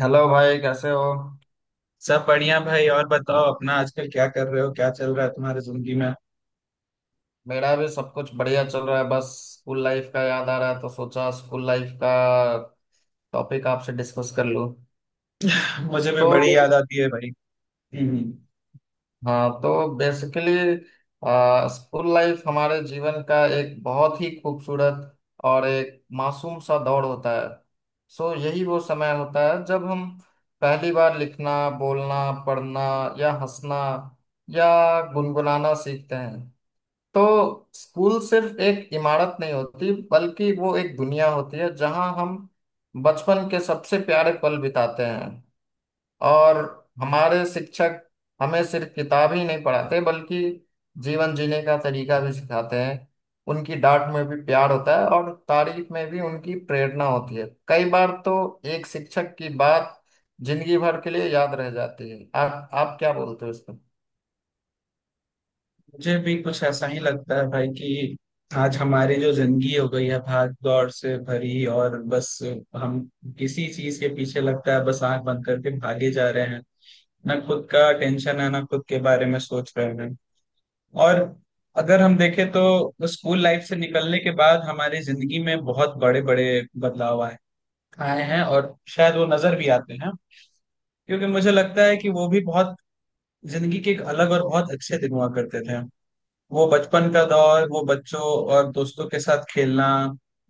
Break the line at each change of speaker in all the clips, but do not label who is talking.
Hello भाई कैसे हो।
सब बढ़िया भाई। और बताओ अपना आजकल क्या कर रहे हो, क्या चल रहा है तुम्हारी जिंदगी में।
मेरा भी सब कुछ बढ़िया चल रहा है। बस स्कूल लाइफ का याद आ रहा है तो सोचा स्कूल लाइफ का टॉपिक आपसे डिस्कस कर लूं।
मुझे भी
तो
बड़ी याद आती है भाई। हम्म।
हाँ तो बेसिकली स्कूल लाइफ हमारे जीवन का एक बहुत ही खूबसूरत और एक मासूम सा दौर होता है। सो यही वो समय होता है जब हम पहली बार लिखना, बोलना, पढ़ना या हंसना या गुनगुनाना सीखते हैं। तो स्कूल सिर्फ एक इमारत नहीं होती, बल्कि वो एक दुनिया होती है जहां हम बचपन के सबसे प्यारे पल बिताते हैं। और हमारे शिक्षक हमें सिर्फ किताब ही नहीं पढ़ाते बल्कि जीवन जीने का तरीका भी सिखाते हैं। उनकी डांट में भी प्यार होता है और तारीफ में भी उनकी प्रेरणा होती है। कई बार तो एक शिक्षक की बात जिंदगी भर के लिए याद रह जाती है। आप क्या बोलते हो इस पर?
मुझे भी कुछ ऐसा ही लगता है भाई कि आज हमारी जो जिंदगी हो गई है भाग दौड़ से भरी, और बस हम किसी चीज के पीछे लगता है बस आंख बंद करके भागे जा रहे हैं। ना खुद का टेंशन है, ना खुद के बारे में सोच रहे हैं। और अगर हम देखें तो स्कूल लाइफ से निकलने के बाद हमारी जिंदगी में बहुत बड़े बड़े बदलाव आए आए हैं, और शायद वो नजर भी आते हैं। क्योंकि मुझे लगता है कि वो भी बहुत जिंदगी के एक अलग और बहुत अच्छे दिन हुआ करते थे। वो बचपन का दौर, वो बच्चों और दोस्तों के साथ खेलना,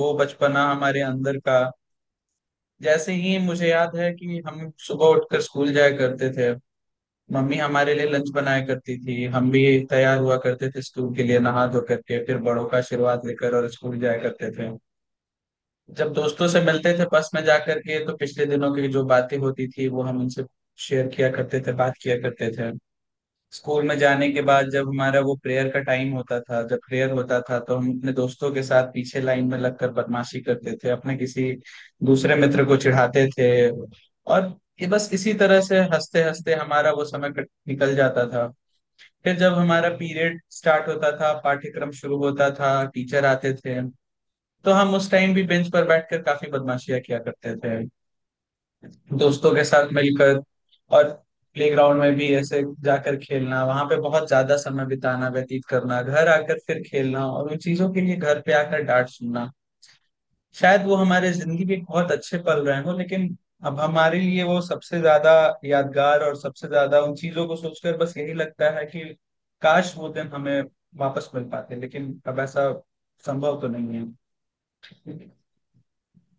वो बचपना हमारे अंदर का। जैसे ही मुझे याद है कि हम सुबह उठकर स्कूल जाया करते थे। मम्मी हमारे लिए लंच बनाया करती थी। हम भी तैयार हुआ करते थे स्कूल के लिए, नहा धो करके, फिर बड़ों का आशीर्वाद लेकर, और स्कूल जाया करते थे। जब दोस्तों से मिलते थे बस में जाकर के, तो पिछले दिनों की जो बातें होती थी वो हम उनसे शेयर किया करते थे, बात किया करते थे। स्कूल में जाने के बाद जब हमारा वो प्रेयर का टाइम होता था, जब प्रेयर होता था, तो हम अपने दोस्तों के साथ पीछे लाइन में लगकर बदमाशी करते थे, अपने किसी दूसरे मित्र को चिढ़ाते थे। और ये बस इसी तरह से हंसते हंसते हमारा वो समय निकल जाता था। फिर जब हमारा पीरियड स्टार्ट होता था, पाठ्यक्रम शुरू होता था, टीचर आते थे, तो हम उस टाइम भी बेंच पर बैठकर काफी बदमाशियां किया करते थे दोस्तों के साथ मिलकर। और प्लेग्राउंड में भी ऐसे जाकर खेलना, वहां पे बहुत ज्यादा समय बिताना, व्यतीत करना, घर आकर फिर खेलना, और उन चीजों के लिए घर पे आकर डांट सुनना। शायद वो हमारे जिंदगी के बहुत अच्छे पल रहे हों, लेकिन अब हमारे लिए वो सबसे ज्यादा यादगार, और सबसे ज्यादा उन चीजों को सोचकर बस यही लगता है कि काश वो दिन हमें वापस मिल पाते, लेकिन अब ऐसा संभव तो नहीं है।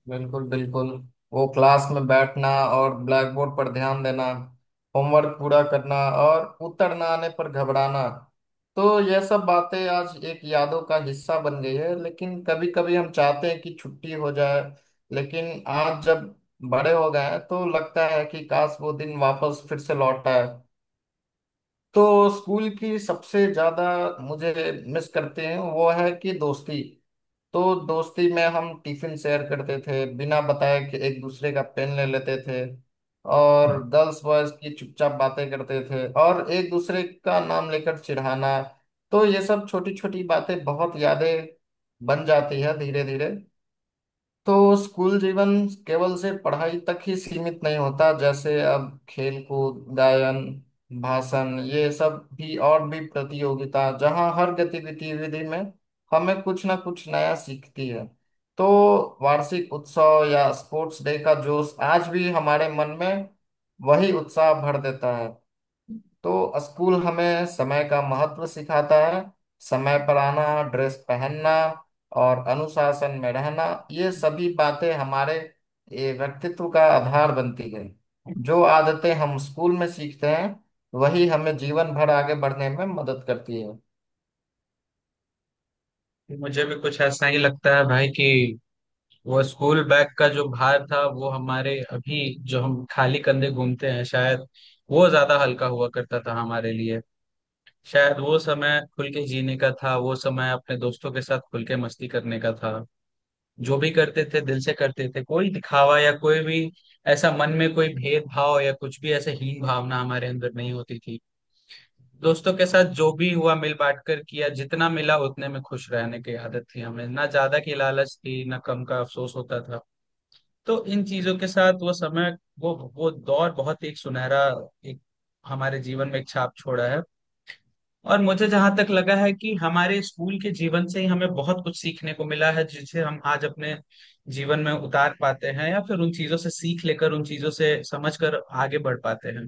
बिल्कुल, बिल्कुल। वो क्लास में बैठना और ब्लैक बोर्ड पर ध्यान देना, होमवर्क पूरा करना और उत्तर ना आने पर घबराना, तो यह सब बातें आज एक यादों का हिस्सा बन गई है। लेकिन कभी कभी हम चाहते हैं कि छुट्टी हो जाए, लेकिन आज जब बड़े हो गए हैं तो लगता है कि काश वो दिन वापस फिर से लौट आए। तो स्कूल की सबसे ज्यादा मुझे मिस करते हैं वो है कि दोस्ती। तो दोस्ती में हम टिफिन शेयर करते थे, बिना बताए कि एक दूसरे का पेन ले लेते थे और गर्ल्स बॉयज की चुपचाप बातें करते थे और एक दूसरे का नाम लेकर चिढ़ाना। तो ये सब छोटी छोटी बातें बहुत यादें बन जाती है धीरे धीरे। तो स्कूल जीवन केवल से पढ़ाई तक ही सीमित नहीं होता, जैसे अब खेल कूद, गायन, भाषण, ये सब भी और भी प्रतियोगिता जहाँ हर गतिविधि विधि में हमें कुछ ना कुछ नया सीखती है। तो वार्षिक उत्सव या स्पोर्ट्स डे का जोश आज भी हमारे मन में वही उत्साह भर देता है। तो स्कूल हमें समय का महत्व सिखाता है। समय पर आना, ड्रेस पहनना और अनुशासन में रहना, ये सभी बातें हमारे ये व्यक्तित्व का आधार बनती है। जो आदतें हम स्कूल में सीखते हैं वही हमें जीवन भर आगे बढ़ने में मदद करती है।
मुझे भी कुछ ऐसा ही लगता है भाई कि वो स्कूल बैग का जो भार था, वो हमारे अभी जो हम खाली कंधे घूमते हैं, शायद वो ज्यादा हल्का हुआ करता था हमारे लिए। शायद वो समय खुल के जीने का था, वो समय अपने दोस्तों के साथ खुल के मस्ती करने का था। जो भी करते थे दिल से करते थे, कोई दिखावा या कोई भी ऐसा मन में कोई भेदभाव या कुछ भी ऐसे हीन भावना हमारे अंदर नहीं होती थी। दोस्तों के साथ जो भी हुआ मिल बांट कर किया, जितना मिला उतने में खुश रहने की आदत थी हमें, ना ज्यादा की लालच थी, ना कम का अफसोस होता था। तो इन चीजों के साथ वो समय, वो दौर बहुत ही एक सुनहरा, एक हमारे जीवन में एक छाप छोड़ा है। और मुझे जहां तक लगा है कि हमारे स्कूल के जीवन से ही हमें बहुत कुछ सीखने को मिला है, जिसे हम आज अपने जीवन में उतार पाते हैं, या फिर उन चीजों से सीख लेकर, उन चीजों से समझ कर आगे बढ़ पाते हैं।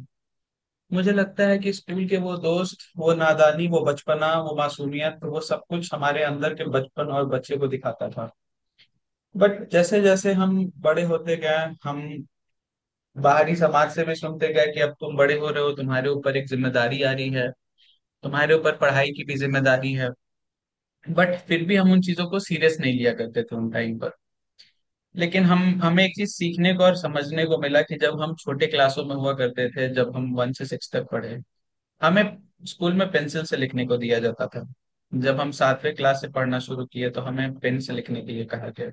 मुझे लगता है कि स्कूल के वो दोस्त, वो नादानी, वो बचपना, वो मासूमियत, वो सब कुछ हमारे अंदर के बचपन और बच्चे को दिखाता था। बट जैसे जैसे हम बड़े होते गए, हम बाहरी समाज से भी सुनते गए कि अब तुम बड़े हो रहे हो, तुम्हारे ऊपर एक जिम्मेदारी आ रही है, तुम्हारे ऊपर पढ़ाई की भी जिम्मेदारी है। बट फिर भी हम उन चीजों को सीरियस नहीं लिया करते थे उन टाइम पर। लेकिन हम हमें एक चीज सीखने को और समझने को मिला कि जब हम छोटे क्लासों में हुआ करते थे, जब हम वन से सिक्स तक पढ़े, हमें स्कूल में पेंसिल से लिखने को दिया जाता था। जब हम सातवें क्लास से पढ़ना शुरू किए, तो हमें पेन से लिखने के लिए कहा गया।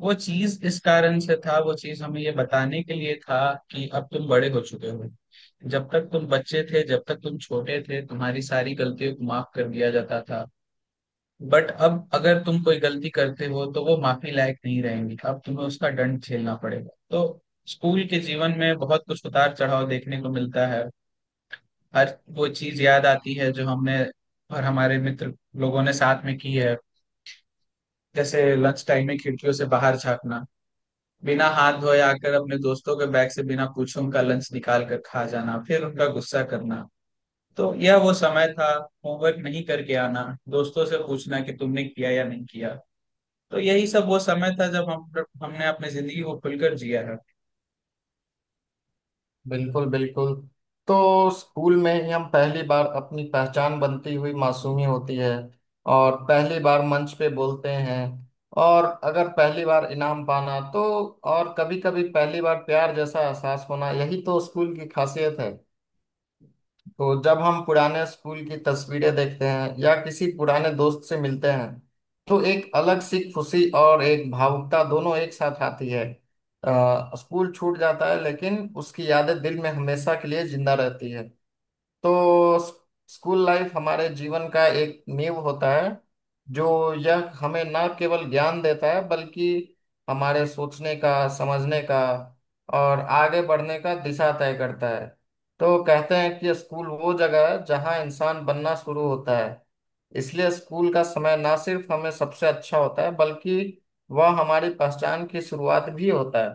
वो चीज इस कारण से था, वो चीज हमें ये बताने के लिए था कि अब तुम बड़े हो चुके हो। जब तक तुम बच्चे थे, जब तक तुम छोटे थे, तुम्हारी सारी गलतियों को माफ कर दिया जाता था। बट अब अगर तुम कोई गलती करते हो, तो वो माफी लायक नहीं रहेंगी, अब तुम्हें उसका दंड झेलना पड़ेगा। तो स्कूल के जीवन में बहुत कुछ उतार चढ़ाव देखने को मिलता है। हर वो चीज याद आती है जो हमने और हमारे मित्र लोगों ने साथ में की है। जैसे लंच टाइम में खिड़कियों से बाहर झांकना, बिना हाथ धोए आकर अपने दोस्तों के बैग से बिना पूछे उनका लंच निकाल कर खा जाना, फिर उनका गुस्सा करना। तो यह वो समय था, होमवर्क नहीं करके आना, दोस्तों से पूछना कि तुमने किया या नहीं किया। तो यही सब वो समय था जब हम हमने अपनी जिंदगी को खुलकर जिया है।
बिल्कुल, बिल्कुल। तो स्कूल में ही हम पहली बार अपनी पहचान बनती हुई मासूमी होती है और पहली बार मंच पे बोलते हैं और अगर पहली बार इनाम पाना तो और कभी कभी पहली बार प्यार जैसा एहसास होना, यही तो स्कूल की खासियत है। तो जब हम पुराने स्कूल की तस्वीरें देखते हैं या किसी पुराने दोस्त से मिलते हैं तो एक अलग सी खुशी और एक भावुकता दोनों एक साथ आती है। स्कूल छूट जाता है लेकिन उसकी यादें दिल में हमेशा के लिए जिंदा रहती है। तो स्कूल लाइफ हमारे जीवन का एक नींव होता है। जो यह हमें ना केवल ज्ञान देता है बल्कि हमारे सोचने का, समझने का और आगे बढ़ने का दिशा तय करता है। तो कहते हैं कि स्कूल वो जगह है जहाँ इंसान बनना शुरू होता है। इसलिए स्कूल का समय ना सिर्फ हमें सबसे अच्छा होता है बल्कि वह हमारी पहचान की शुरुआत भी होता है।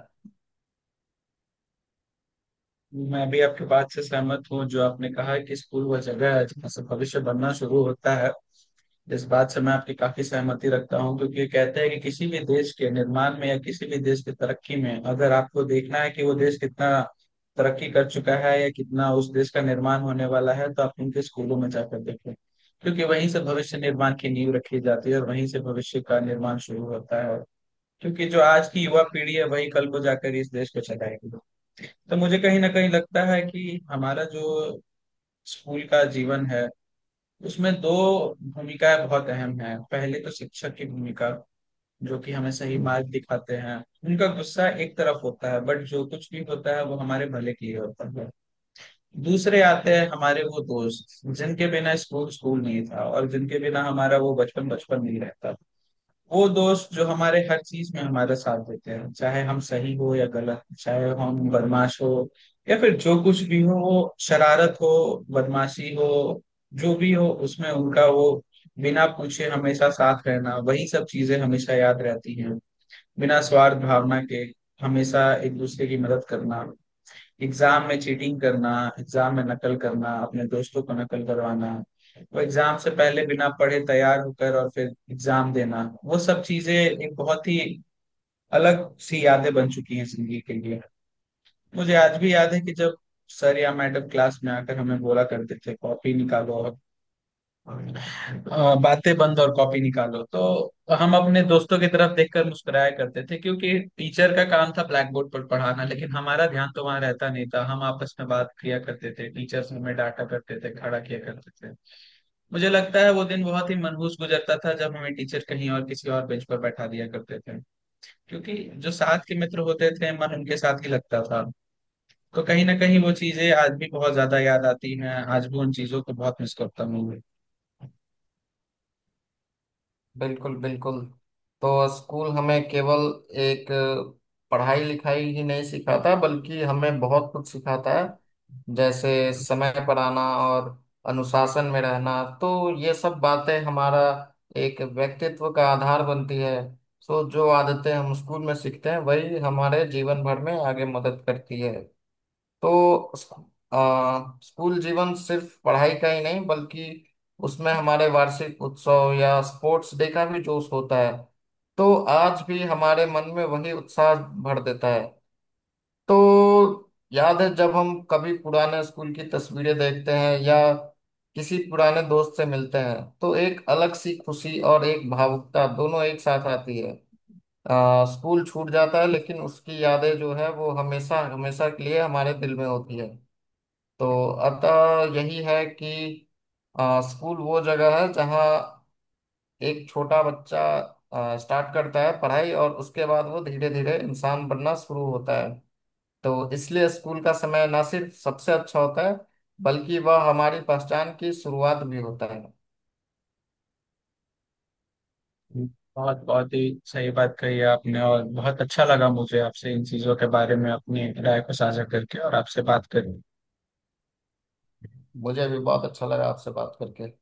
मैं भी आपके बात से सहमत हूँ जो आपने कहा कि स्कूल वह जगह है जहाँ से भविष्य बनना शुरू होता है। इस बात से मैं आपकी काफी सहमति रखता हूँ, क्योंकि कहते हैं कि किसी भी देश के निर्माण में या किसी भी देश की तरक्की में अगर आपको देखना है कि वो देश कितना तरक्की कर चुका है या कितना उस देश का निर्माण होने वाला है, तो आप उनके स्कूलों में जाकर देखें, क्योंकि वहीं से भविष्य निर्माण की नींव रखी जाती है और वहीं से भविष्य का निर्माण शुरू होता है। क्योंकि जो आज की युवा पीढ़ी है वही कल को जाकर इस देश को चलाएगी। तो मुझे कहीं ना कहीं लगता है कि हमारा जो स्कूल का जीवन है, उसमें दो भूमिकाएं बहुत अहम हैं। पहले तो शिक्षक की भूमिका, जो कि हमें सही मार्ग दिखाते हैं। उनका गुस्सा एक तरफ होता है, बट जो कुछ भी होता है वो हमारे भले के लिए होता है। दूसरे आते हैं हमारे वो दोस्त, जिनके बिना स्कूल स्कूल नहीं था और जिनके बिना हमारा वो बचपन बचपन नहीं रहता। वो दोस्त जो हमारे हर चीज में हमारा साथ देते हैं, चाहे हम सही हो या गलत, चाहे हम बदमाश हो या फिर जो कुछ भी हो, वो शरारत हो, बदमाशी हो, जो भी हो उसमें उनका वो बिना पूछे हमेशा साथ रहना, वही सब चीजें हमेशा याद रहती हैं। बिना स्वार्थ भावना के हमेशा एक दूसरे की मदद करना, एग्जाम में चीटिंग करना, एग्जाम में नकल करना, अपने दोस्तों को नकल करवाना, वो एग्जाम से पहले बिना पढ़े तैयार होकर और फिर एग्जाम देना, वो सब चीजें एक बहुत ही अलग सी यादें बन चुकी हैं जिंदगी के लिए। मुझे आज भी याद है कि जब सर या मैडम क्लास में आकर हमें बोला करते थे कॉपी निकालो और बातें बंद और कॉपी निकालो, तो हम अपने दोस्तों की तरफ देखकर मुस्कुराया करते थे, क्योंकि टीचर का काम था ब्लैक बोर्ड पर पढ़ाना, लेकिन हमारा ध्यान तो वहां रहता नहीं था, हम आपस में बात किया करते थे। टीचर्स हमें डांटा करते थे, खड़ा किया करते थे। मुझे लगता है वो दिन बहुत ही मनहूस गुजरता था जब हमें टीचर कहीं और किसी और बेंच पर बैठा दिया करते थे, क्योंकि जो साथ के मित्र होते थे, मन उनके साथ ही लगता था। तो कहीं ना कहीं वो चीजें आज भी बहुत ज्यादा याद आती हैं, आज भी उन चीजों को बहुत मिस करता हूँ।
बिल्कुल, बिल्कुल। तो स्कूल हमें केवल एक पढ़ाई लिखाई ही नहीं सिखाता बल्कि हमें बहुत कुछ सिखाता है। जैसे समय पर आना और अनुशासन में रहना, तो ये सब बातें हमारा एक व्यक्तित्व का आधार बनती है। तो जो आदतें हम स्कूल में सीखते हैं वही हमारे जीवन भर में आगे मदद करती है। तो स्कू- स्कूल जीवन सिर्फ पढ़ाई का ही नहीं बल्कि उसमें हमारे वार्षिक उत्सव या स्पोर्ट्स डे का भी जोश होता है। तो आज भी हमारे मन में वही उत्साह भर देता है। तो याद है जब हम कभी पुराने स्कूल की तस्वीरें देखते हैं या किसी पुराने दोस्त से मिलते हैं तो एक अलग सी खुशी और एक भावुकता दोनों एक साथ आती है। स्कूल छूट जाता है लेकिन उसकी यादें जो है वो हमेशा हमेशा के लिए हमारे दिल में होती है। तो अतः यही है कि स्कूल वो जगह है जहाँ एक छोटा बच्चा स्टार्ट करता है पढ़ाई और उसके बाद वो धीरे धीरे इंसान बनना शुरू होता है। तो इसलिए स्कूल का समय ना सिर्फ सबसे अच्छा होता है बल्कि वह हमारी पहचान की शुरुआत भी होता है।
बहुत बहुत ही सही बात कही आपने, और बहुत अच्छा लगा मुझे आपसे इन चीजों के बारे में अपनी राय को साझा करके और आपसे बात करके।
मुझे भी बहुत अच्छा लगा आपसे बात करके।